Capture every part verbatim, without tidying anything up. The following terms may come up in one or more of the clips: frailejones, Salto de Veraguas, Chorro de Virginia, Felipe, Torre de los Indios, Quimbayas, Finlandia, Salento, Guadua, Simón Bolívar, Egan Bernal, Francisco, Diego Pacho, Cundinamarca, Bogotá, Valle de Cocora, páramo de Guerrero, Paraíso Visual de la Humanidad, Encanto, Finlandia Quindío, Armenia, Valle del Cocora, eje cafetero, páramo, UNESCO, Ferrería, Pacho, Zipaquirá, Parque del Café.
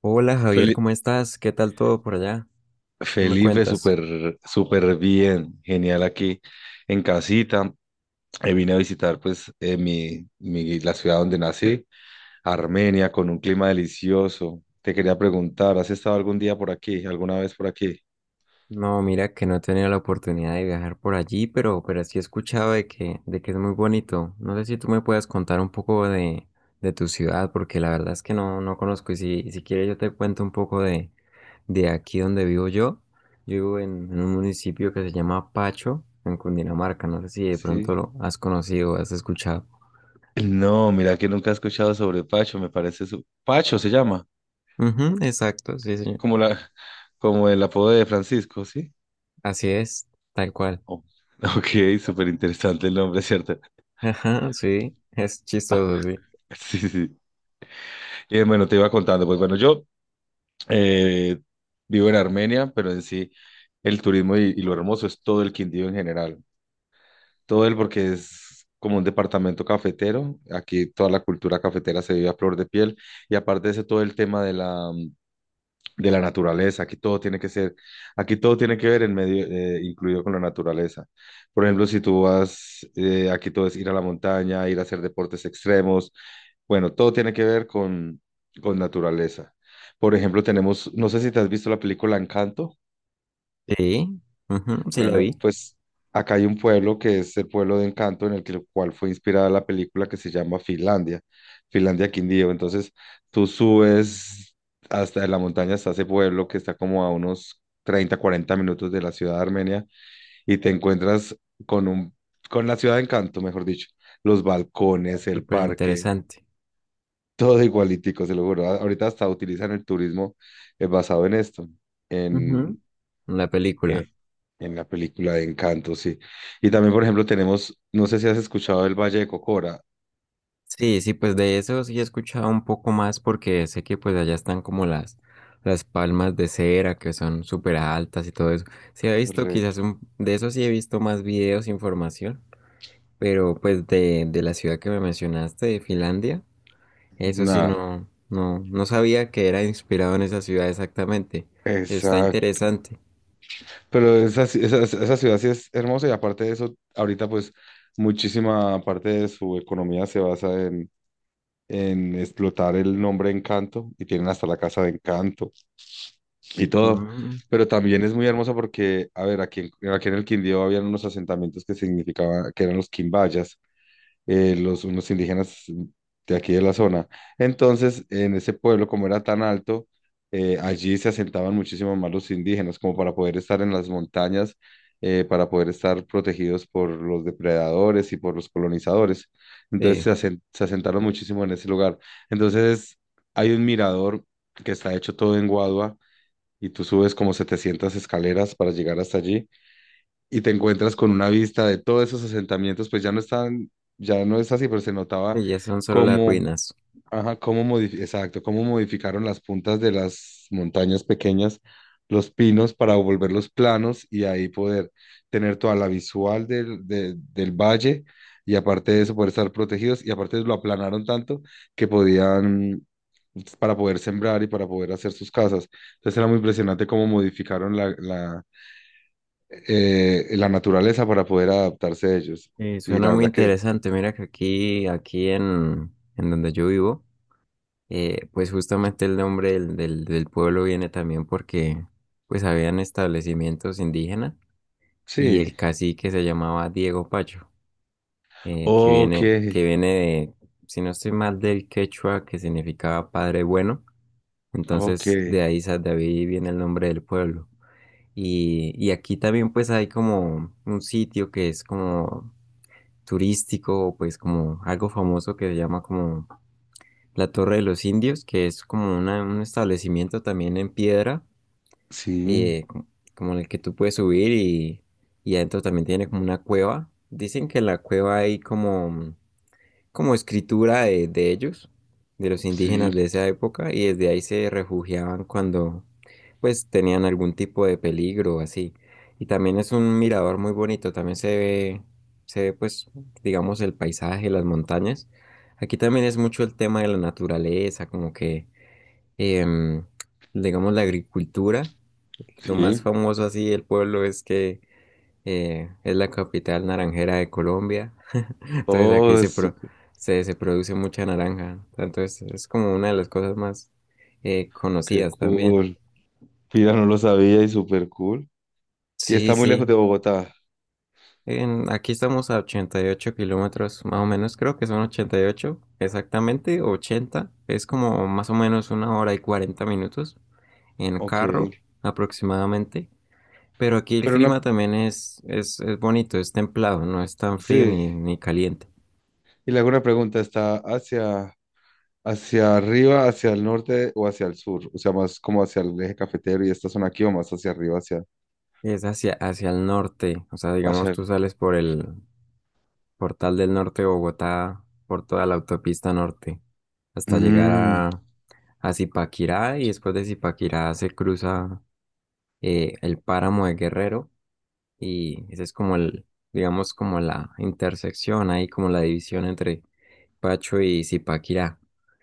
Hola Javier, Feli- ¿cómo estás? ¿Qué tal todo por allá? ¿Qué me Felipe, cuentas? súper, súper bien, genial aquí en casita. Eh, vine a visitar, pues eh, mi, mi- la ciudad donde nací, Armenia, con un clima delicioso. Te quería preguntar, ¿has estado algún día por aquí, alguna vez por aquí? No, mira que no he tenido la oportunidad de viajar por allí, pero, pero sí he escuchado de que, de que es muy bonito. No sé si tú me puedes contar un poco de, de tu ciudad, porque la verdad es que no, no conozco. Y si, si quieres yo te cuento un poco de, de aquí donde vivo yo. Yo vivo en, en un municipio que se llama Pacho, en Cundinamarca. No sé si de pronto Sí. lo has conocido o has escuchado. No, mira que nunca he escuchado sobre Pacho, me parece su... Pacho se llama Ujú, exacto, sí, señor. como la, como el apodo de Francisco, ¿sí? Así es, tal cual. Oh, ok, súper interesante el nombre, ¿cierto? Ajá, sí, es chistoso, sí. Sí, sí. Y bueno, te iba contando, pues bueno, yo... Eh, Vivo en Armenia, pero en sí el turismo y, y lo hermoso es todo el Quindío en general. Todo el, porque es como un departamento cafetero. Aquí toda la cultura cafetera se vive a flor de piel. Y aparte de eso, todo el tema de la, de la naturaleza. Aquí todo tiene que ser, aquí todo tiene que ver en medio, eh, incluido con la naturaleza. Por ejemplo, si tú vas, eh, aquí todo es ir a la montaña, ir a hacer deportes extremos. Bueno, todo tiene que ver con, con naturaleza. Por ejemplo, tenemos, no sé si te has visto la película Encanto. Sí, ujú, sí la Bueno, vi. pues acá hay un pueblo que es el pueblo de Encanto en el que- cual fue inspirada la película, que se llama Finlandia, Finlandia Quindío. Entonces tú subes hasta la montaña, hasta ese pueblo que está como a unos treinta cuarenta minutos de la ciudad de Armenia y te encuentras con un, con la ciudad de Encanto, mejor dicho, los balcones, el Súper parque, interesante. todo igualitico, se lo juro. A- Ahorita hasta utilizan el turismo eh, basado en esto, Ujú, la película. en la película de Encanto, sí. Y también, por ejemplo, tenemos, no sé si has escuchado el Valle de Cocora. Sí, sí, pues de eso sí he escuchado un poco más porque sé que pues allá están como las, las palmas de cera que son súper altas y todo eso. Sí he visto quizás Correcto. un, de eso sí he visto más videos, información, pero pues de, de la ciudad que me mencionaste, de Finlandia, eso sí Nada, no, no, no sabía que era inspirado en esa ciudad exactamente. Está exacto. interesante. Pero esa, ci- esa, esa ciudad sí es hermosa, y aparte de eso, ahorita pues muchísima parte de su economía se basa en, en explotar el nombre Encanto, y tienen hasta la casa de Encanto y todo. Ujú. Pero también es muy hermosa porque, a ver, aquí en, aquí en el Quindío habían unos asentamientos que significaban que eran los Quimbayas, eh, los, unos indígenas de aquí de la zona. Entonces, en ese pueblo, como era tan alto, eh, allí se asentaban muchísimo más los indígenas, como para poder estar en las montañas, eh, para poder estar protegidos por los depredadores y por los colonizadores. Entonces, Sí, se, asen- se asentaron muchísimo en ese lugar. Entonces, hay un mirador que está hecho todo en Guadua. Y tú subes como setecientas escaleras para llegar hasta allí y te encuentras con una vista de todos esos asentamientos. Pues ya no están, ya no es así, pero se notaba que ya son solo las cómo, ruinas. ajá, cómo modifi- exacto, cómo modificaron las puntas de las montañas pequeñas, los pinos, para volverlos planos y ahí poder tener toda la visual del, de- del valle, y aparte de eso poder estar protegidos, y aparte lo aplanaron tanto que podían, pues, para poder sembrar y para poder hacer sus casas. Entonces era muy impresionante cómo modificaron la, la- eh, la naturaleza para poder adaptarse a ellos. Eh, Y suena la muy verdad que interesante. Mira que aquí, aquí en, en donde yo vivo, eh, pues justamente el nombre del, del, del pueblo viene también porque pues habían establecimientos indígenas y sí. el cacique se llamaba Diego Pacho, eh, que Ok, viene, que viene de, si no estoy mal, del quechua que significaba padre bueno. ok. Entonces de ahí, sa- de ahí viene el nombre del pueblo. Y, y aquí también pues hay como un sitio que es como turístico, pues como algo famoso que se llama como la Torre de los Indios, que es como una- un establecimiento también en piedra, Sí, eh, co- como en el que tú puedes subir y, y, adentro también tiene como una cueva. Dicen que en la cueva hay como como escritura de, de ellos, de los indígenas sí, de esa época, y desde ahí se refugiaban cuando pues tenían algún tipo de peligro o así. Y también es un mirador muy bonito, también se ve, se ve pues digamos el paisaje, las montañas. Aquí también es mucho el tema de la naturaleza, como que em, digamos la agricultura. Lo más sí. famoso así del pueblo es que eh, es la capital naranjera de Colombia. Entonces aquí Oh, se, es pro- súper- se, se produce mucha naranja. Entonces es como una de las cosas más eh, qué conocidas también. cool. Mira, no lo sabía, y súper cool. ¿Y Sí, está muy lejos sí. de Bogotá? En- aquí estamos a ochenta y ocho kilómetros, más o menos, creo que son ochenta y ocho exactamente, ochenta. Es como más o menos una hora y cuarenta minutos en Ok. carro aproximadamente. Pero aquí el Pero una, clima también es, es, es bonito, es templado, no es tan frío sí. ni, ni caliente. Y le hago una pregunta, ¿está hacia, hacia arriba, hacia el norte o hacia el sur? O sea, más como hacia el eje cafetero y esta zona aquí, o más hacia arriba, hacia, Es hacia, hacia el norte, o sea, digamos, hacia tú el... sales por el Portal del Norte de Bogotá por toda la autopista norte hasta llegar Mm, a, a Zipaquirá y después de Zipaquirá se cruza eh, el páramo de Guerrero y ese es como el, digamos, como la intersección ahí, como la división entre Pacho y Zipaquirá.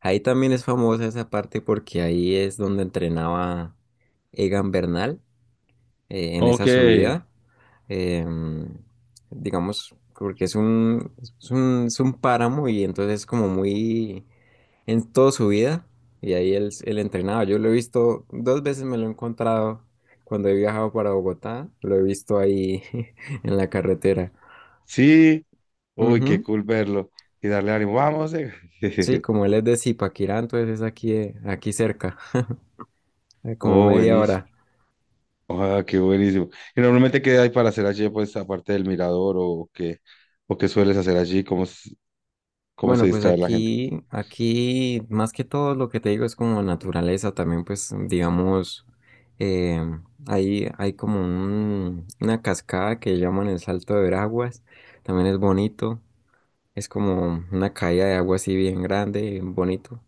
Ahí también es famosa esa parte porque ahí es donde entrenaba Egan Bernal eh, en ok. esa subida. em, digamos, porque es un, es un, es un páramo y entonces es como muy en toda su vida. Y ahí él, él entrenaba. Yo lo he visto dos veces, me lo he encontrado cuando he viajado para Bogotá. Lo he visto ahí en la carretera. Sí, uy, qué Ujú. cool verlo y darle ánimo. "Vamos, eh". Sí, como él es de Zipaquirá, entonces es aquí, eh, aquí cerca, eh, como Oh, media buenísimo. hora. Ah, qué buenísimo. ¿Y normalmente qué hay para hacer allí, pues, aparte del mirador, o qué, o qué sueles hacer allí? ¿Cómo, s- cómo se Bueno, pues distrae la gente? aquí, aquí más que todo lo que te digo es como naturaleza también, pues digamos, eh, hay, hay como un- una cascada que llaman el Salto de Veraguas, también es bonito, es como una caída de agua así bien grande, bien bonito.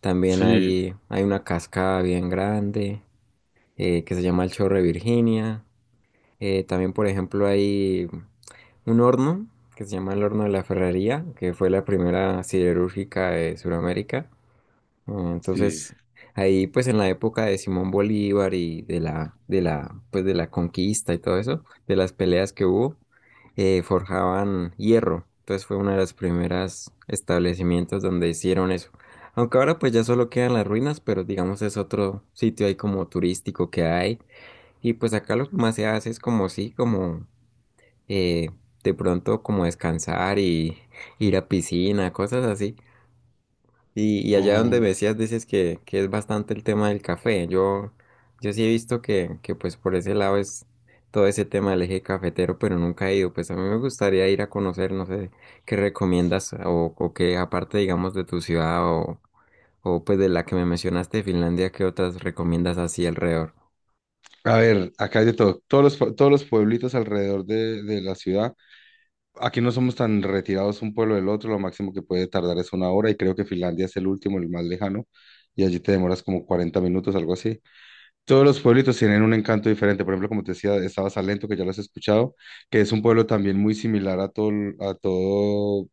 También Sí, hay, hay una cascada bien grande eh, que se llama el Chorro de Virginia. Eh, también, por ejemplo, hay un horno que se llama el horno de la Ferrería, que fue la primera siderúrgica de Sudamérica. Eh, sí. Entonces, ahí pues en la época de Simón Bolívar y de la, de la, pues de la conquista y todo eso, de las peleas que hubo, eh, forjaban hierro. Entonces fue uno de los primeros establecimientos donde hicieron eso. Aunque ahora pues ya solo quedan las ruinas, pero digamos es otro sitio ahí como turístico que hay. Y pues acá lo que más se hace es como sí, como eh, de pronto como descansar y ir a piscina, cosas así. Y, y allá donde me Mm, decías, dices que, que es bastante el tema del café. Yo, yo sí he visto que, que pues por ese lado es todo ese tema del eje cafetero, pero nunca he ido. Pues a mí me gustaría ir a conocer, no sé, qué recomiendas o, o qué aparte, digamos, de tu ciudad o, o pues de la que me mencionaste, de Finlandia, qué otras recomiendas así alrededor. A ver, acá hay de todo. Todos los, pue- todos los pueblitos alrededor de, de la ciudad. Aquí no somos tan retirados un pueblo del otro. Lo máximo que puede tardar es una hora, y creo que Finlandia es el último, el más lejano. Y allí te demoras como cuarenta minutos, algo así. Todos los pueblitos tienen un encanto diferente. Por ejemplo, como te decía, estaba Salento, que ya lo has escuchado, que es un pueblo también muy similar a todo, a todo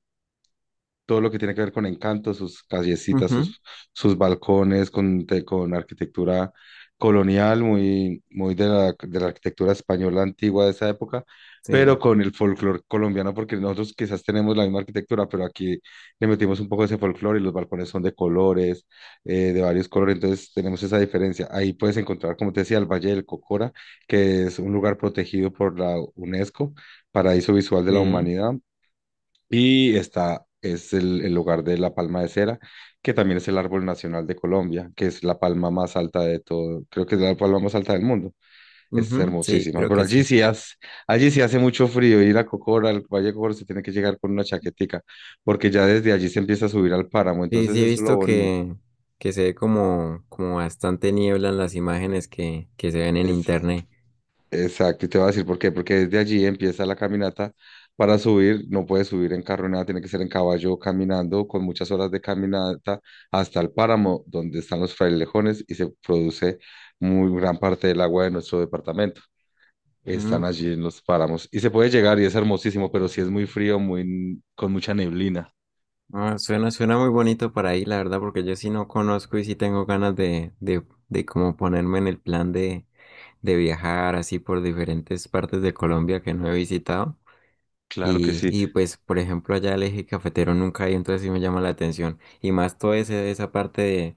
todo lo que tiene que ver con encanto: sus callecitas, Ujú, sus, sus balcones, con, te- con arquitectura colonial, muy, muy de la, de la arquitectura española antigua de esa época, pero sí, con el folclore colombiano, porque nosotros quizás tenemos la misma arquitectura, pero aquí le metimos un poco de ese folclore y los balcones son de colores, eh, de varios colores, entonces tenemos esa diferencia. Ahí puedes encontrar, como te decía, el Valle del Cocora, que es un lugar protegido por la UNESCO, Paraíso Visual de la sí, Humanidad, y está, es el, el lugar de la palma de cera, que también es el árbol nacional de Colombia, que es la palma más alta de todo. Creo que es la palma más alta del mundo. Es ujú, sí, hermosísima, creo pero que allí sí. sí hace, allí sí hace mucho frío. Ir a Cocora, al Valle de Cocora, se tiene que llegar con una chaquetica, porque ya desde allí se empieza a subir al páramo. Sí, Entonces sí eso he es lo visto bonito. que, que se ve como, como bastante niebla en las imágenes que, que se ven en internet. Exacto, y te voy a decir por qué: porque desde allí empieza la caminata. Para subir, no puedes subir en carro, ni nada, tiene que ser en caballo, caminando, con muchas horas de caminata hasta el páramo, donde están los frailejones y se produce muy gran parte del agua de nuestro departamento. Mm, Están allí en los páramos, y se puede llegar, y es hermosísimo, pero sí es muy frío, muy, con mucha neblina. ah, suena, suena muy bonito para ahí, la verdad, porque yo sí no conozco y sí tengo ganas de, de, de como ponerme en el plan de, de viajar así por diferentes partes de Colombia que no he visitado. Claro que Y, sí. y pues, por ejemplo, allá el eje cafetero nunca hay, entonces sí me llama la atención. Y más toda esa parte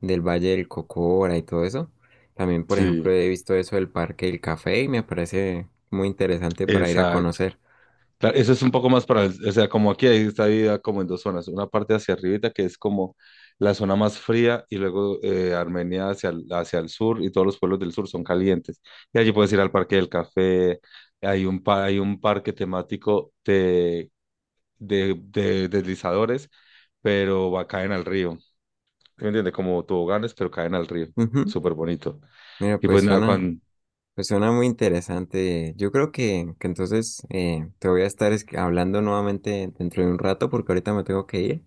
del Valle del Cocora y todo eso. También, por ejemplo, Sí, he visto eso del Parque del Café y me parece muy interesante para ir a exacto. conocer. Claro, eso es un poco más para, el- o sea, como aquí ahí está dividida como en dos zonas, una parte hacia arribita que es como la zona más fría, y luego, eh, Armenia hacia el, hacia el sur, y todos los pueblos del sur son calientes. Y allí puedes ir al Parque del Café. Hay un, pa- hay un parque temático de, de, de deslizadores, pero va, caen al río, ¿sí? ¿Me entiendes? Como toboganes, pero caen al río, Ujú. súper bonito. Mira, Y pues pues nada, suena, Juan, pues suena muy interesante. Yo creo que, que entonces eh, te voy a estar es- hablando nuevamente dentro de un rato porque ahorita me tengo que ir,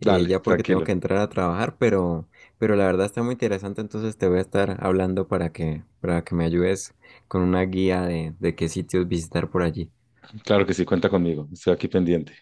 eh, ya porque tengo tranquilo, que entrar a trabajar, pero, pero la verdad está muy interesante, entonces te voy a estar hablando para que, para que me ayudes con una guía de, de qué sitios visitar por allí. claro que sí, cuenta conmigo, estoy aquí pendiente.